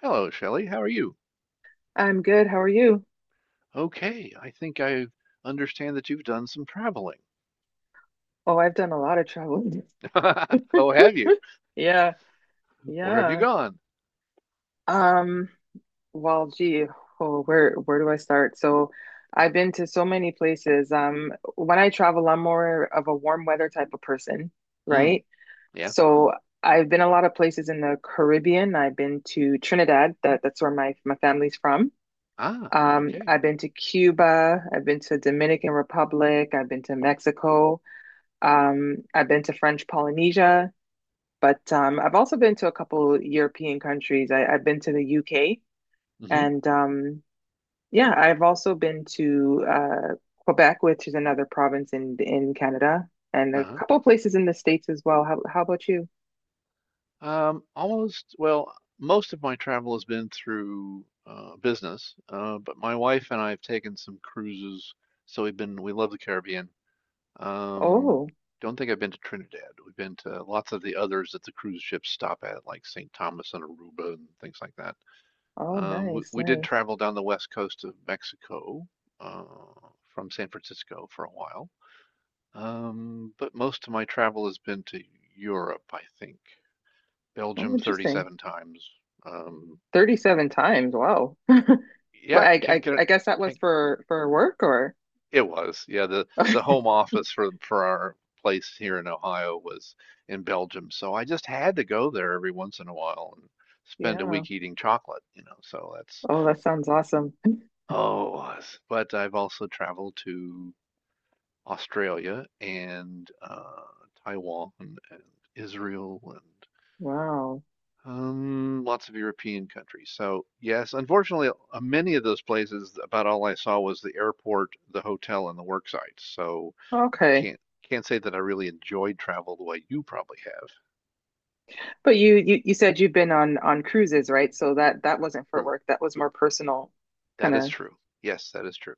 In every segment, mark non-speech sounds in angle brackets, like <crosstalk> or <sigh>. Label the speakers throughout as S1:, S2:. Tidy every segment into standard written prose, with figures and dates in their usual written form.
S1: Hello, Shelley. How are you?
S2: I'm good. How are you?
S1: Okay, I think I understand that you've done some traveling.
S2: Oh, I've done a lot of traveling. <laughs>
S1: <laughs> Oh, have you?
S2: Yeah,
S1: Where have you
S2: yeah.
S1: gone?
S2: Um, well, gee, oh, where do I start? So, I've been to so many places. When I travel, I'm more of a warm weather type of person,
S1: Mm,
S2: right?
S1: yeah.
S2: So, I've been a lot of places in the Caribbean. I've been to Trinidad. That's where my family's from.
S1: Ah,
S2: Um,
S1: okay.
S2: I've been to Cuba. I've been to Dominican Republic. I've been to Mexico. I've been to French Polynesia. But I've also been to a couple European countries. I've been to the UK
S1: Mm-hmm.
S2: and yeah, I've also been to Quebec, which is another province in Canada, and a
S1: Uh-huh.
S2: couple places in the States as well. How about you?
S1: Almost, well, most of my travel has been through business, but my wife and I have taken some cruises, so we love the Caribbean. Um,
S2: Oh,
S1: don't think I've been to Trinidad. We've been to lots of the others that the cruise ships stop at, like St. Thomas and Aruba and things like that.
S2: oh,
S1: Um, we,
S2: nice,
S1: we did
S2: nice.
S1: travel down the west coast of Mexico uh, from San Francisco for a while. But most of my travel has been to Europe, I think.
S2: Oh,
S1: Belgium
S2: interesting.
S1: 37 times. Um,
S2: 37 times. Wow. <laughs> Well,
S1: yeah,
S2: I,
S1: can't
S2: I
S1: get it.
S2: I guess that was
S1: Can't,
S2: for work or
S1: it was. Yeah, the
S2: <laughs>
S1: home office for our place here in Ohio was in Belgium. So I just had to go there every once in a while and spend a
S2: yeah.
S1: week eating chocolate. So that's,
S2: Oh, that sounds awesome. <laughs>
S1: oh, it was, but I've also traveled to Australia and Taiwan and Israel and
S2: Wow.
S1: lots of European countries. So yes, unfortunately, many of those places, about all I saw was the airport, the hotel, and the work sites. So I
S2: Okay.
S1: can't say that I really enjoyed travel the way you probably have.
S2: But you said you've been on cruises, right? So that wasn't for
S1: True.
S2: work. That was more personal
S1: That
S2: kind
S1: is
S2: of
S1: true. Yes, that is true.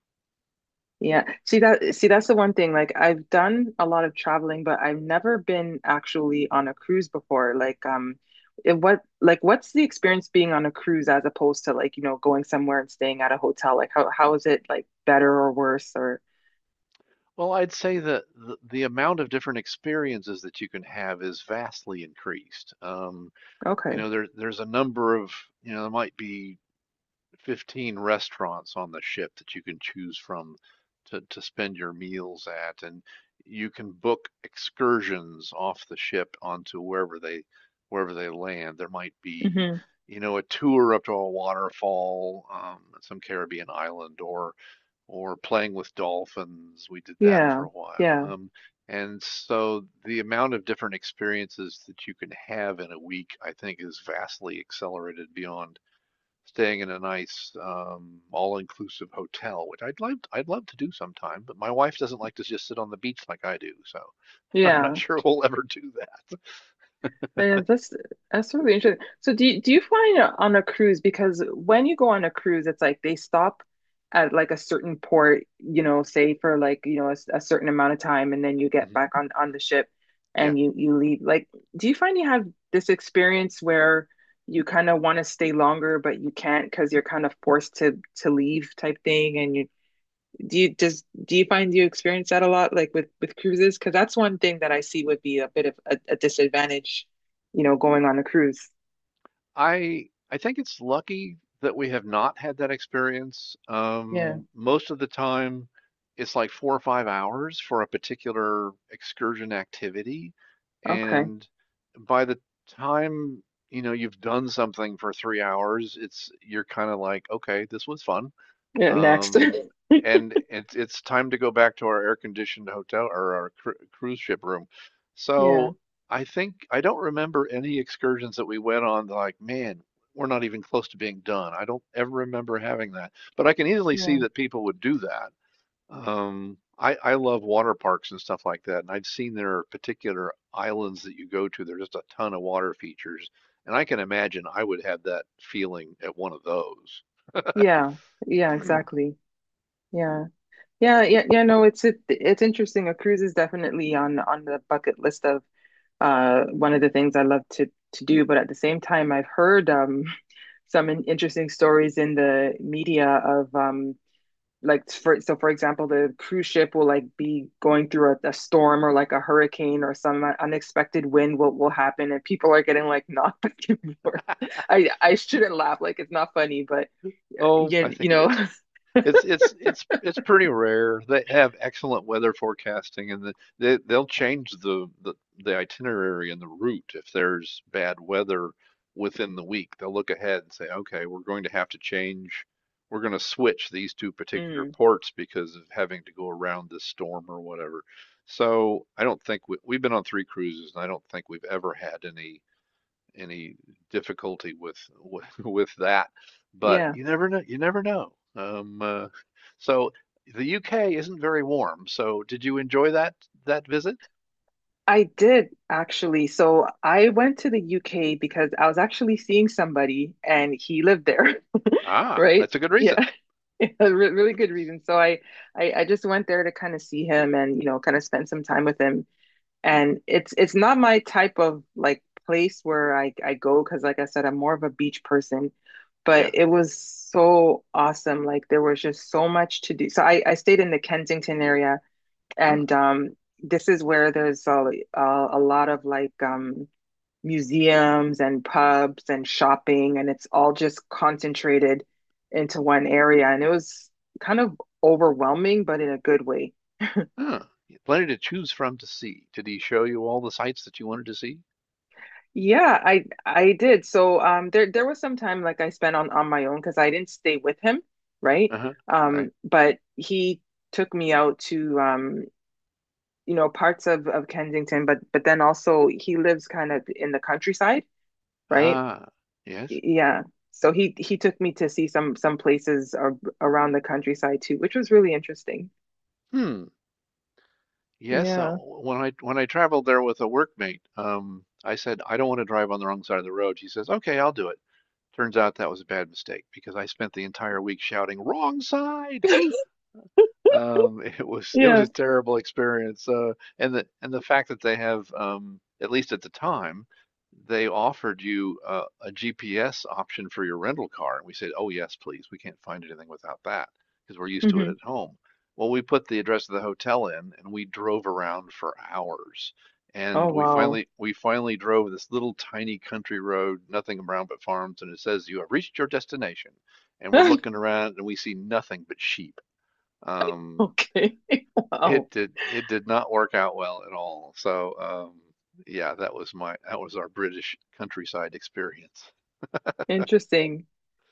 S2: yeah. See that see that's the one thing. Like I've done a lot of traveling, but I've never been actually on a cruise before. Like what like what's the experience being on a cruise as opposed to like, you know, going somewhere and staying at a hotel? Like how is it like better or worse or
S1: Well, I'd say that the amount of different experiences that you can have is vastly increased. You
S2: okay.
S1: know, there's a number of, you know, there might be 15 restaurants on the ship that you can choose from to spend your meals at. And you can book excursions off the ship onto wherever they land. There might be,
S2: Hmm.
S1: you know, a tour up to a waterfall at some Caribbean island, or playing with dolphins. We did that for
S2: Yeah.
S1: a while.
S2: Yeah.
S1: And so the amount of different experiences that you can have in a week, I think, is vastly accelerated beyond staying in a nice all-inclusive hotel, which I'd love to do sometime, but my wife doesn't like to just sit on the beach like I do, so <laughs> I'm not
S2: Yeah.
S1: sure we'll ever do that.
S2: Yeah, that's really interesting. So do you find on a cruise, because when you go on a cruise, it's like they stop at like a certain port, you know, say for like, you know, a certain amount of time and then you get
S1: Hmm.
S2: back on the ship
S1: Yeah,
S2: and you leave. Like, do you find you have this experience where you kind of want to stay longer but you can't because you're kind of forced to leave type thing, and you do you find you experience that a lot, like with cruises? Because that's one thing that I see would be a bit of a disadvantage, you know, going on a cruise.
S1: I I think it's lucky that we have not had that experience.
S2: Yeah.
S1: Most of the time, it's like 4 or 5 hours for a particular excursion activity,
S2: Okay.
S1: and by the time you've done something for 3 hours, it's you're kind of like, okay, this was fun.
S2: Yeah. Next.
S1: Um,
S2: <laughs>
S1: and it's time to go back to our air-conditioned hotel or our cruise ship room.
S2: Yeah.
S1: So I think I don't remember any excursions that we went on that like, man, we're not even close to being done. I don't ever remember having that, but I can easily see
S2: Yeah.
S1: that people would do that. I love water parks and stuff like that, and I've seen there are particular islands that you go to. There's just a ton of water features, and I can imagine I would have that feeling at one of those.
S2: Yeah. Yeah. Exactly. Yeah. Yeah. Yeah. Yeah. No, it's interesting. A cruise is definitely on the bucket list of one of the things I love to do. But at the same time, I've heard <laughs> some interesting stories in the media of like for so for example the cruise ship will like be going through a storm or like a hurricane or some unexpected wind what will happen and people are getting like <laughs> knocked back and forth <laughs>
S1: <laughs>
S2: I shouldn't laugh like it's not funny but
S1: Oh,
S2: yeah
S1: I think
S2: you
S1: it
S2: know
S1: is.
S2: <laughs>
S1: It's pretty rare. They have excellent weather forecasting, and they'll change the itinerary and the route if there's bad weather within the week. They'll look ahead and say, okay, we're going to have to change. We're going to switch these two particular
S2: Mm,
S1: ports because of having to go around this storm or whatever. So I don't think we've been on three cruises, and I don't think we've ever had any difficulty <laughs> with that. But
S2: yeah.
S1: you never know. You never know. So the UK isn't very warm. So did you enjoy that visit?
S2: I did actually. So I went to the UK because I was actually seeing somebody and he lived there. <laughs>
S1: Ah,
S2: Right,
S1: that's a good reason.
S2: yeah. <laughs> A really good reason. So I just went there to kind of see him and you know kind of spend some time with him, and it's not my type of like place where I go because like I said I'm more of a beach person, but
S1: Yeah.
S2: it was so awesome. Like there was just so much to do. So I stayed in the Kensington area,
S1: Ah,
S2: and this is where there's a lot of like museums and pubs and shopping, and it's all just concentrated into one area, and it was kind of overwhelming but in a good way.
S1: ah, yeah, plenty to choose from to see. Did he show you all the sights that you wanted to see?
S2: Yeah, I did. So there was some time like I spent on my own because I didn't stay with him, right?
S1: Uh-huh. All right.
S2: But he took me out to you know parts of Kensington, but then also he lives kind of in the countryside, right?
S1: Ah, yes.
S2: Yeah. So he took me to see some places ar around the countryside too, which was really interesting.
S1: Hmm. Yes.
S2: Yeah.
S1: When I traveled there with a workmate, I said I don't want to drive on the wrong side of the road. She says, "Okay, I'll do it." Turns out that was a bad mistake because I spent the entire week shouting, wrong side.
S2: <laughs>
S1: <laughs> It was
S2: Yeah.
S1: a terrible experience. And the fact that they have, at least at the time, they offered you a GPS option for your rental car, and we said, "Oh yes, please. We can't find anything without that because we're used to it
S2: Hmm.
S1: at home." Well, we put the address of the hotel in, and we drove around for hours. And
S2: Oh wow.
S1: we finally drove this little tiny country road, nothing around but farms, and it says you have reached your destination. And we're
S2: <laughs>
S1: looking around, and we see nothing but sheep. Um,
S2: Okay. <laughs> Wow.
S1: it did not work out well at all. So um, yeah, that was our British countryside experience.
S2: Interesting.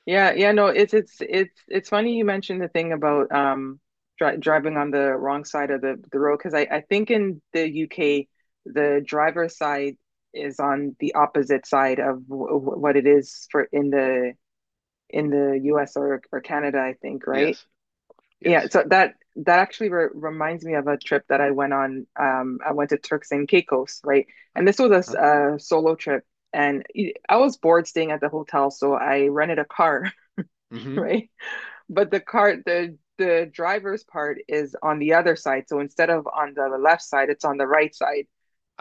S2: Yeah, yeah, no, it's funny you mentioned the thing about driving on the wrong side of the road, because I think in the UK the driver's side is on the opposite side of what it is for in the US or Canada I think, right?
S1: Yes,
S2: Yeah,
S1: yes.
S2: so that that actually re reminds me of a trip that I went on. I went to Turks and Caicos, right?
S1: Uh,
S2: And this was
S1: uh-huh.
S2: a solo trip, and I was bored staying at the hotel, so I rented a car, <laughs>
S1: Hmm.
S2: right? But the car, the driver's part is on the other side. So instead of on the left side, it's on the right side.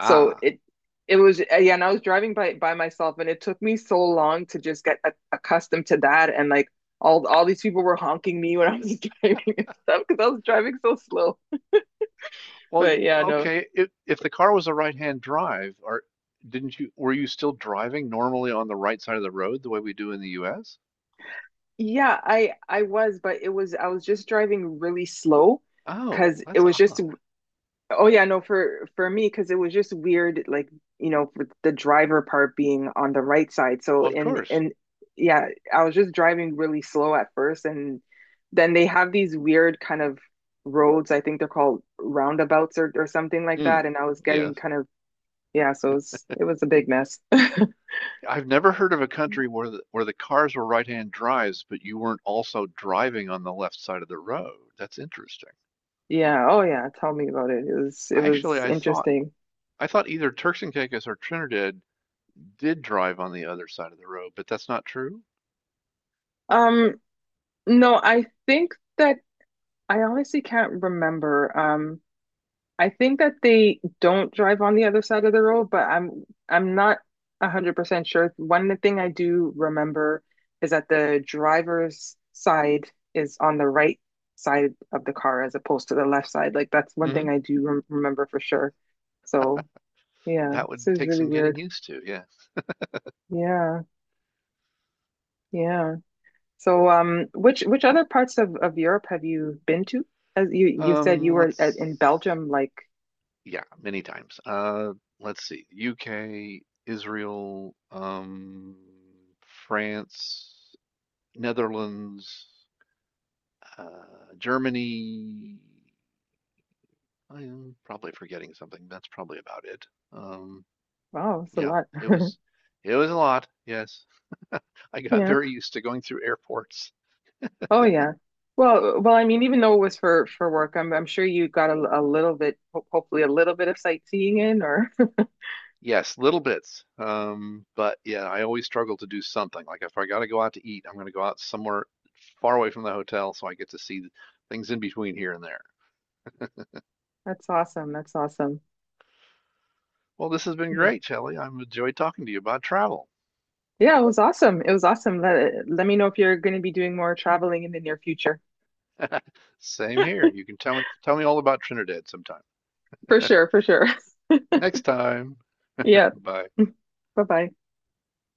S2: So it was yeah, and I was driving by myself, and it took me so long to just get accustomed to that. And like all these people were honking me when I was <laughs> driving and stuff because I was driving so slow.
S1: Well,
S2: But yeah, no,
S1: okay, if the car was a right-hand drive, or didn't you were you still driving normally on the right side of the road the way we do in the US?
S2: yeah, I was, but it was I was just driving really slow
S1: Oh,
S2: because it
S1: that's
S2: was just.
S1: odd.
S2: Oh yeah, no, for me, because it was just weird, like, you know, with the driver part being on the right side. So
S1: Well, of course.
S2: and yeah, I was just driving really slow at first, and then they have these weird kind of roads. I think they're called roundabouts or something like
S1: Hmm.
S2: that. And I was getting
S1: Yes.
S2: kind of yeah, so it was a big mess. <laughs>
S1: I've never heard of a country where where the cars were right-hand drives, but you weren't also driving on the left side of the road. That's interesting.
S2: Yeah, oh yeah, tell me about it. It
S1: I actually
S2: was
S1: I thought
S2: interesting.
S1: I thought either Turks and Caicos or Trinidad did drive on the other side of the road, but that's not true.
S2: Um, no, I think that I honestly can't remember. I think that they don't drive on the other side of the road, but I'm not 100% sure. One thing I do remember is that the driver's side is on the right side of the car as opposed to the left side. Like that's one thing
S1: Hmm.
S2: I do remember for sure. So, yeah,
S1: That
S2: this
S1: would
S2: is
S1: take
S2: really
S1: some getting
S2: weird.
S1: used to. Yeah.
S2: Yeah, yeah. So, which other parts of Europe have you been to? As you said you were at,
S1: Let's.
S2: in Belgium, like
S1: Yeah. Many times. Let's see. UK, Israel, France, Netherlands, uh, Germany. I am probably forgetting something. That's probably about it. Um,
S2: wow, it's a
S1: yeah,
S2: lot.
S1: it
S2: <laughs>
S1: was, it was a lot. Yes, <laughs> I got
S2: Yeah.
S1: very used to going through airports.
S2: Oh yeah. Well, well, I mean, even though it was for work, I'm sure you got a little bit, hopefully a little bit of sightseeing in, or
S1: Yes, little bits. But yeah, I always struggle to do something. Like if I got to go out to eat, I'm going to go out somewhere far away from the hotel so I get to see things in between here and there.
S2: <laughs> that's awesome. That's awesome.
S1: Well, this has been
S2: Yeah,
S1: great, Shelley. I've enjoyed talking to you about travel.
S2: yeah, it was awesome. It was awesome. Let me know if you're going to be doing more traveling in the near future.
S1: Same here. You can tell me all about Trinidad sometime.
S2: For
S1: <laughs>
S2: sure, for sure. <laughs>
S1: Next time.
S2: Yeah.
S1: Bye.
S2: <laughs> Bye-bye.